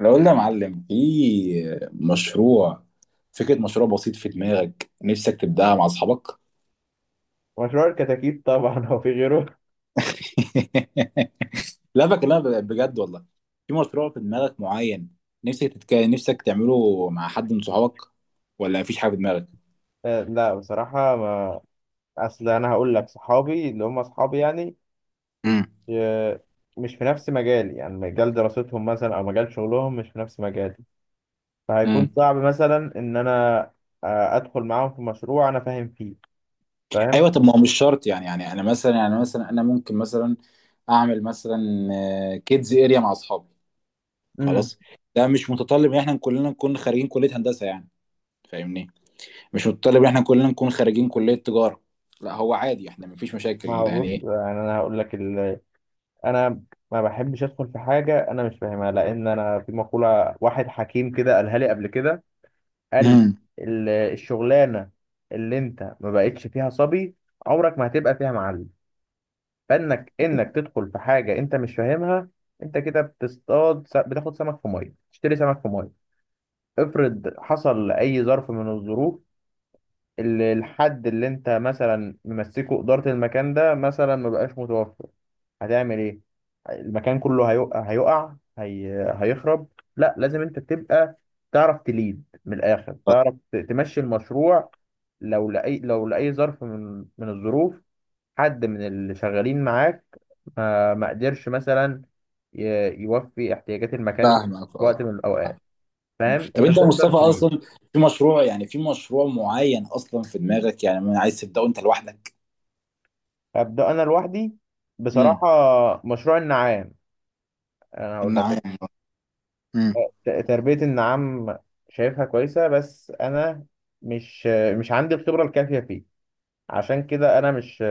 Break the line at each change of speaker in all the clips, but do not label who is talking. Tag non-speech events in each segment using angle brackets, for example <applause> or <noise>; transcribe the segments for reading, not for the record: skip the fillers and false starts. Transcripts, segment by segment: لو قلنا يا معلم في مشروع فكرة مشروع بسيط في دماغك، نفسك تبدأها مع أصحابك.
مشروع الكتاكيت طبعا <laughs> هو في غيره.
<laughs> لا، بكلمك بجد والله. في مشروع في دماغك معين، نفسك تعمله مع حد من صحابك، ولا مفيش حاجة في دماغك؟
لا بصراحة ما أصل. أنا هقول لك صحابي اللي هم أصحابي يعني
امم.
آه، مش في نفس مجالي، يعني مجال دراستهم مثلا أو مجال شغلهم مش في نفس مجالي. فهيكون
امم.
صعب مثلا إن أنا أدخل معاهم في مشروع أنا فاهم فيه. فاهم؟
ايوه، طب ما هو مش شرط يعني انا مثلا، يعني مثلا انا ممكن مثلا اعمل مثلا كيدز اريا مع اصحابي،
امم
خلاص. ده مش متطلب ان احنا كلنا نكون خارجين كلية هندسة يعني، فاهمني؟ مش متطلب ان احنا كلنا نكون خارجين كلية تجارة، لا هو عادي احنا مفيش مشاكل
ما هو بص،
يعني.
يعني أنا هقول لك أنا ما بحبش أدخل في حاجة أنا مش فاهمها، لأن أنا في مقولة واحد حكيم كده قالها لي قبل كده. قال
امم.
الشغلانه اللي انت ما بقتش فيها صبي، عمرك ما هتبقى فيها معلم. فانك تدخل في حاجه انت مش فاهمها، انت كده بتصطاد بتاخد سمك في ميه، تشتري سمك في ميه. افرض حصل اي ظرف من الظروف، الحد اللي انت مثلا ممسكه إدارة المكان ده مثلا ما بقاش متوفر، هتعمل ايه؟ المكان كله هيقع، هيخرب. لا لازم انت تبقى تعرف تليد من الآخر، تعرف تمشي المشروع. لو لأي ظرف من الظروف، حد من اللي شغالين معاك ما قدرش مثلا ي... يوفي احتياجات المكان دي
فاهمك
في
اه.
وقت من الأوقات، فاهم
طب
انت
انت يا
تقدر
مصطفى
تليد.
اصلا، في مشروع معين اصلا في دماغك، يعني ما عايز تبدأه انت لوحدك؟
هبدأ أنا لوحدي بصراحة،
امم.
مشروع النعام. أنا هقول
النعام.
لك
امم.
تربية النعام شايفها كويسة، بس أنا مش، مش عندي الخبرة الكافية فيه. عشان كده أنا مش،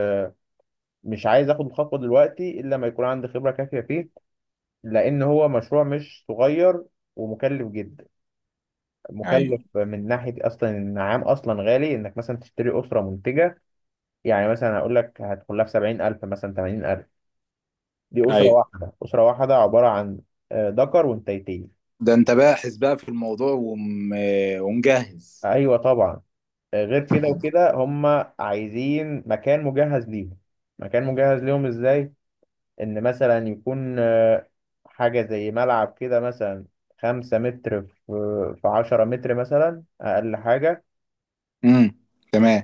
مش عايز آخد الخطوة دلوقتي إلا لما يكون عندي خبرة كافية فيه، لأن هو مشروع مش صغير ومكلف جدا.
ايوه،
مكلف من ناحية أصلا النعام أصلا غالي، إنك مثلا تشتري أسرة منتجة. يعني مثلا هقول لك هتدخل لها في 70000 مثلا 80000. دي أسرة
ايوه.
واحدة، أسرة واحدة عبارة عن ذكر وانتيتين.
ده انت باحث بقى في الموضوع ومجهز.
أيوة طبعا. غير كده وكده هما عايزين مكان مجهز ليهم. مكان مجهز ليهم إزاي؟ إن مثلا يكون حاجة زي ملعب كده مثلا، خمسة متر في، في عشرة متر مثلا أقل حاجة.
امم. تمام.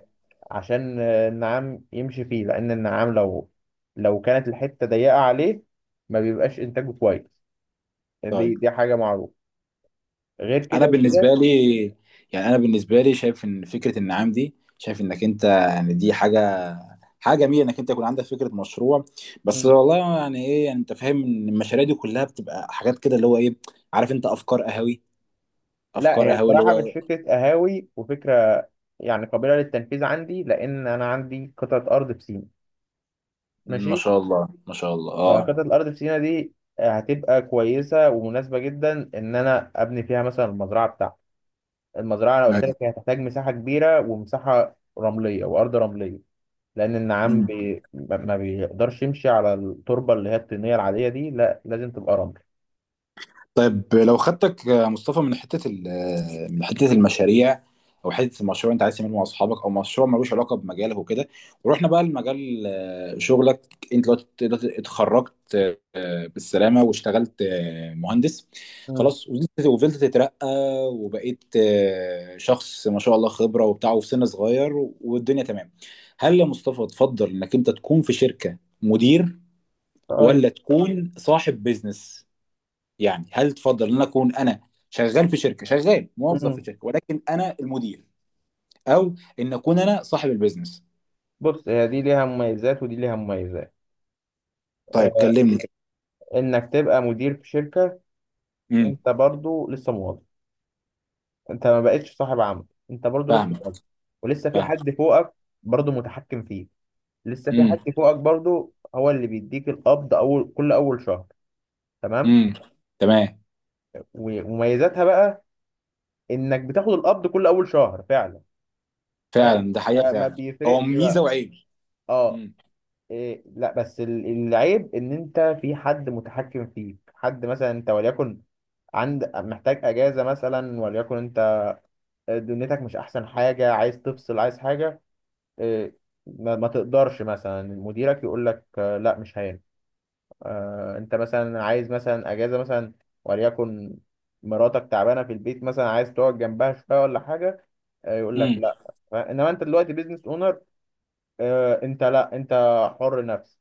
عشان النعام يمشي فيه، لأن النعام لو، لو كانت الحتة ضيقة عليه ما بيبقاش إنتاجه كويس، دي
طيب،
دي حاجة معروفة. غير
انا
كده وكده
بالنسبه لي انا بالنسبه لي شايف ان فكره النعام دي، شايف انك انت يعني دي حاجه جميله انك انت يكون عندك فكره مشروع. بس والله يعني ايه، يعني انت فاهم ان المشاريع دي كلها بتبقى حاجات كده اللي هو ايه، عارف انت؟ افكار قهوي
لا،
افكار
هي
قهوي اللي
بصراحة مش
هو.
فكرة قهاوي وفكرة، يعني قابلة للتنفيذ عندي، لأن أنا عندي قطعة أرض في سينا.
ما
ماشي.
شاء الله، ما شاء الله، اه.
فقطعة الأرض في سينا دي هتبقى كويسة ومناسبة جدا إن أنا أبني فيها مثلا المزرعة بتاعتي. المزرعة أنا قلت لك هي هتحتاج مساحة كبيرة ومساحة رملية وأرض رملية، لأن النعام
أيوة.
ما بيقدرش يمشي على التربة اللي هي الطينية العادية دي، لا لازم تبقى رمل.
طيب لو خدتك مصطفى من حتة ال- آه، من حتة المشاريع، أو حتة المشروع أنت عايز تعمله مع أصحابك، أو مشروع ملوش علاقة بمجالك وكده، ورحنا بقى لمجال شغلك. أنت دلوقتي اتخرجت بالسلامة، واشتغلت مهندس،
امم
خلاص، وفضلت تترقى، وبقيت شخص ما شاء الله خبرة وبتاع، وفي سن صغير، والدنيا تمام. هل يا مصطفى تفضل إنك أنت تكون في شركة مدير،
طيب.
ولا تكون صاحب بيزنس؟ يعني هل تفضل ان اكون انا شغال موظف
مم.
في شركه ولكن انا المدير، او ان اكون انا صاحب البيزنس؟
بص، هي دي ليها مميزات ودي ليها مميزات.
طيب
آه،
كلمني.
انك تبقى مدير في شركة،
امم.
انت برضو لسه موظف، انت ما بقتش صاحب عمل، انت برضو لسه
فاهمك.
موظف، ولسه في
فاهم.
حد فوقك برضو متحكم فيه. لسه في
امم.
حد فوقك برضو هو اللي بيديك القبض اول، كل اول شهر. تمام.
امم. تمام.
ومميزاتها بقى انك بتاخد القبض كل اول شهر فعلا. فاهم،
فعلا، ده حقيقه
ما
فعلا. هو
بيفرقش
ميزه
بقى.
وعيب.
اه. إيه لا، بس العيب ان انت في حد متحكم فيك، حد مثلا انت وليكن عند، محتاج اجازه مثلا، وليكن انت دنيتك مش احسن حاجه، عايز تفصل، عايز حاجه، إيه، ما تقدرش، مثلا مديرك يقول لك لا مش هينفع. انت مثلا عايز مثلا اجازه مثلا، وليكن مراتك تعبانه في البيت مثلا، عايز تقعد جنبها شويه ولا حاجه، يقول لك
امم.
لا. انما انت دلوقتي بيزنس اونر، انت لا، انت حر نفسك،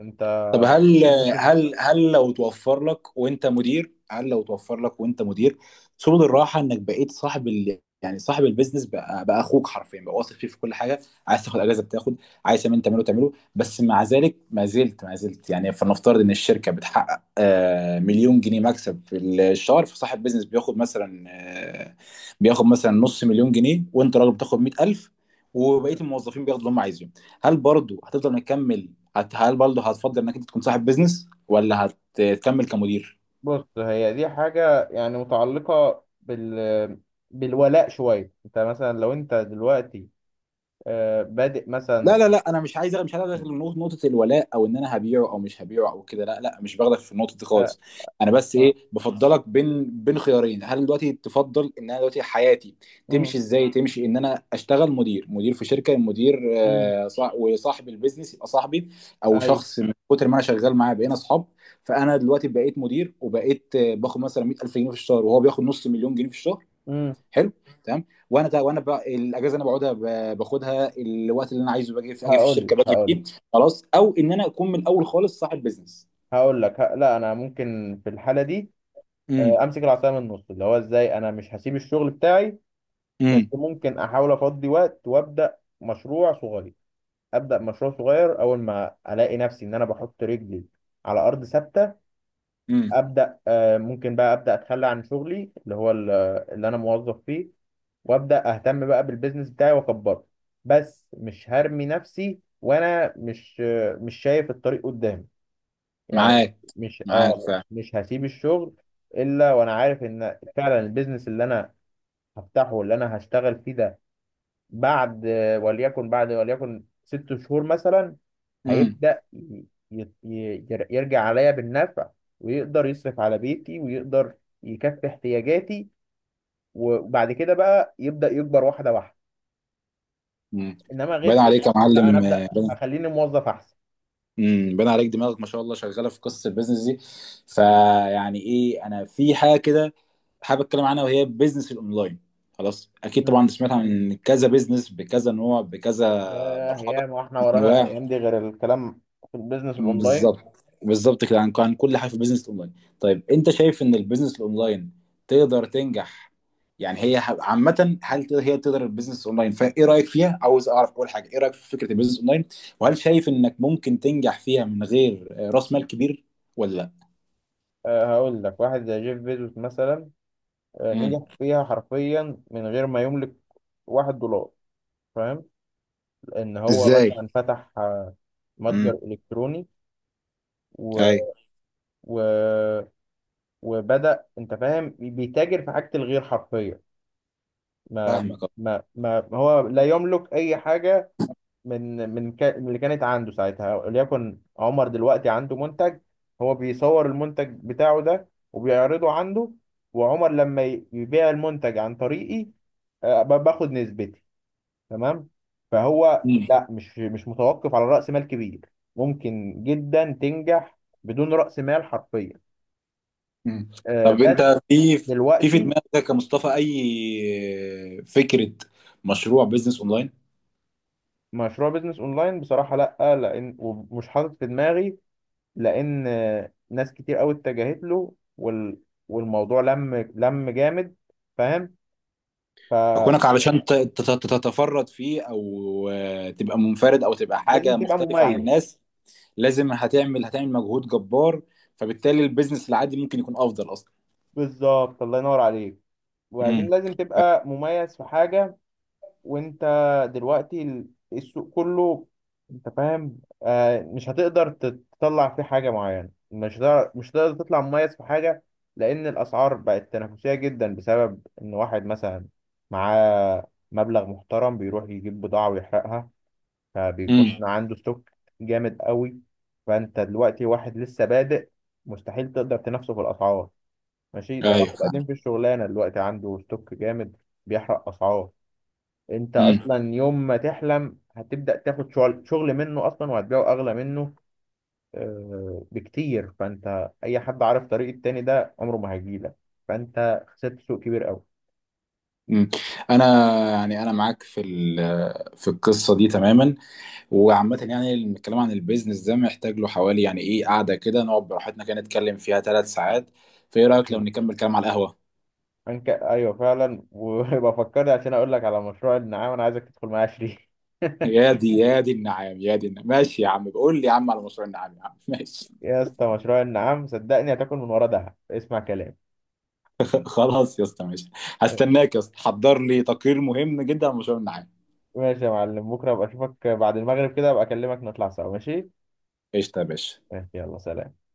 انت
طب
ممكن.
هل لو توفر لك وانت مدير سبل الراحه، انك بقيت صاحب يعني صاحب البيزنس، بقى اخوك حرفيا، بقى واثق فيه في كل حاجه، عايز تاخد اجازه بتاخد، عايز تعمله، بس مع ذلك ما زلت يعني، فلنفترض ان الشركه بتحقق مليون جنيه مكسب في الشهر، فصاحب بيزنس بياخد مثلا نص مليون جنيه، وانت راجل بتاخد 100,000، وبقيه
مم.
الموظفين بياخدوا اللي هم عايزينه. هل برضه هتفضل مكمل؟ هل برضه هتفضل انك انت تكون صاحب بيزنس، ولا هتكمل كمدير؟
بص، هي دي حاجه يعني متعلقه بالولاء شويه. انت مثلا لو انت دلوقتي بادئ مثلا.
لا، لا، لا، انا مش عايز ادخل نقطة الولاء، او ان انا هبيعه او مش هبيعه او كده، لا، لا، مش باخدك في النقطه دي
آه،
خالص. انا بس
آه،
ايه؟ بفضلك بين خيارين. هل دلوقتي تفضل ان انا دلوقتي حياتي
مم،
تمشي ازاي، تمشي ان انا اشتغل مدير في شركه، مدير
مم،
وصاحب البيزنس يبقى صاحبي، او
ايوه.
شخص من كتر ما انا شغال معاه بقينا اصحاب، فانا دلوقتي بقيت مدير، وبقيت باخد مثلا 100,000 جنيه في الشهر، وهو بياخد نص مليون جنيه في الشهر،
امم
حلو، تمام. وانا بقى الاجازه انا بقعدها، باخدها الوقت اللي انا عايزه، باجي في اجي في
هقول لك
الشركه باجي
هقول لك
فيه، خلاص، او ان انا اكون من الاول خالص صاحب بزنس.
هقول لك لا، انا ممكن في الحاله دي
امم.
امسك العصايه من النص، اللي هو ازاي، انا مش هسيب الشغل بتاعي، بس
امم.
ممكن احاول افضي وقت وابدا مشروع صغير. ابدا مشروع صغير، اول ما الاقي نفسي ان انا بحط رجلي على ارض ثابته،
امم.
ابدا ممكن بقى ابدا اتخلى عن شغلي اللي هو اللي انا موظف فيه، وابدا اهتم بقى بالبيزنس بتاعي واكبره. بس مش هرمي نفسي وانا مش، مش شايف الطريق قدامي يعني.
معاك.
مش
معاك
اه،
فعلا.
مش هسيب الشغل الا وانا عارف ان فعلا البيزنس اللي انا هفتحه، اللي انا هشتغل فيه ده، بعد، وليكن بعد، وليكن ست شهور مثلا،
امم.
هيبدأ يرجع عليا بالنفع، ويقدر يصرف على بيتي ويقدر يكفي احتياجاتي، وبعد كده بقى يبدأ يكبر واحدة واحدة.
امم.
انما غير
باين عليك يا
كده لا، انا
معلم،
ابدأ،
باين.
اخليني موظف احسن.
امم، باين عليك دماغك ما شاء الله شغاله في قصه البيزنس دي. فيعني ايه، انا في حاجه كده حابب اتكلم عنها، وهي بيزنس الاونلاين. خلاص، اكيد
مم.
طبعا سمعت عن كذا بيزنس بكذا نوع بكذا
ياه
مرحله
ياه، ما احنا
من
ورانا
انواع.
الايام دي غير الكلام في البيزنس الاونلاين.
بالظبط، بالظبط كده، عن كل حاجه في البيزنس الاونلاين. طيب انت شايف ان البيزنس الاونلاين تقدر تنجح؟ يعني، عامه، هي تقدر البيزنس الاونلاين، فايه رايك فيها؟ عاوز اعرف اول حاجه، ايه رايك في فكره البيزنس اونلاين، وهل شايف انك ممكن تنجح فيها من غير راس مال كبير، ولا لا؟
هقول لك واحد زي جيف بيزوس مثلا
امم.
نجح فيها حرفيا من غير ما يملك واحد دولار. فاهم. لان هو
ازاي؟
مثلا فتح
امم.
متجر الكتروني و...
اي.
و... وبدأ انت فاهم بيتاجر في حاجة الغير حرفية. ما
فاهمك.
ما هو لا يملك اي حاجة من من اللي كانت عنده ساعتها. وليكن عمر دلوقتي عنده منتج، هو بيصور المنتج بتاعه ده وبيعرضه عنده، وعمر لما يبيع المنتج عن طريقي باخد نسبتي. تمام. فهو
امم.
لا، مش، مش متوقف على رأس مال كبير، ممكن جدا تنجح بدون رأس مال حرفيا.
أمم. طب
بس
انت في
دلوقتي
دماغك يا مصطفى اي فكره مشروع بيزنس اونلاين؟
مشروع بيزنس اونلاين بصراحة لا، لان ومش حاطط في دماغي، لان ناس كتير قوي اتجهت له، وال... والموضوع لم جامد. فاهم، فلازم
كونك علشان تتفرد فيه، او تبقى منفرد، او تبقى حاجه
تبقى
مختلفه عن
مميز.
الناس، لازم هتعمل مجهود جبار، فبالتالي البيزنس العادي ممكن يكون افضل اصلا.
بالظبط، الله ينور عليك.
امم.
وبعدين لازم تبقى مميز في حاجة، وانت دلوقتي السوق كله، انت فاهم، آه مش هتقدر تطلع فيه حاجة معينة، مش هتقدر، مش هتقدر تطلع مميز في حاجة، لان الاسعار بقت تنافسية جدا بسبب ان واحد مثلا معاه مبلغ محترم بيروح يجيب بضاعة ويحرقها، فبيكون
امم.
عنده ستوك جامد قوي. فانت دلوقتي واحد لسه بادئ، مستحيل تقدر تنافسه في الاسعار. ماشي ده واحد
ايوه، فاهم.
قديم في الشغلانه دلوقتي عنده ستوك جامد بيحرق اسعار، انت
امم.
اصلا يوم ما تحلم هتبدا تاخد شغل منه اصلا، وهتبيعه اغلى منه بكتير. فانت اي حد عارف طريق التاني ده عمره ما هيجيلك، فانت خسرت سوق كبير قوي.
امم. انا، يعني انا معاك في في القصه دي تماما، وعامه يعني الكلام عن البيزنس ده محتاج له حوالي يعني ايه، قعده كده نقعد براحتنا كده نتكلم فيها 3 ساعات. فايه رايك لو نكمل كلام على القهوه؟
ايوه فعلا، وبفكرني <laughs> عشان اقول لك على مشروع النعام، انا عايزك تدخل معايا شريك.
يا دي، يا دي النعام، يا دي النعام ماشي يا عم، بقول لي يا عم على مشروع النعام يا عم، ماشي.
يا اسطى، مشروع النعام صدقني هتاكل من ورا دهب، اسمع كلام.
<laughs> خلاص يا اسطى، ماشي. هستناك يا اسطى، حضر لي تقرير مهم جدا على مشروع النعام.
ماشي يا معلم، بكره ابقى اشوفك بعد المغرب كده، ابقى اكلمك نطلع سوا ماشي.
قشطة يا باشا.
ماشي يلا سلام.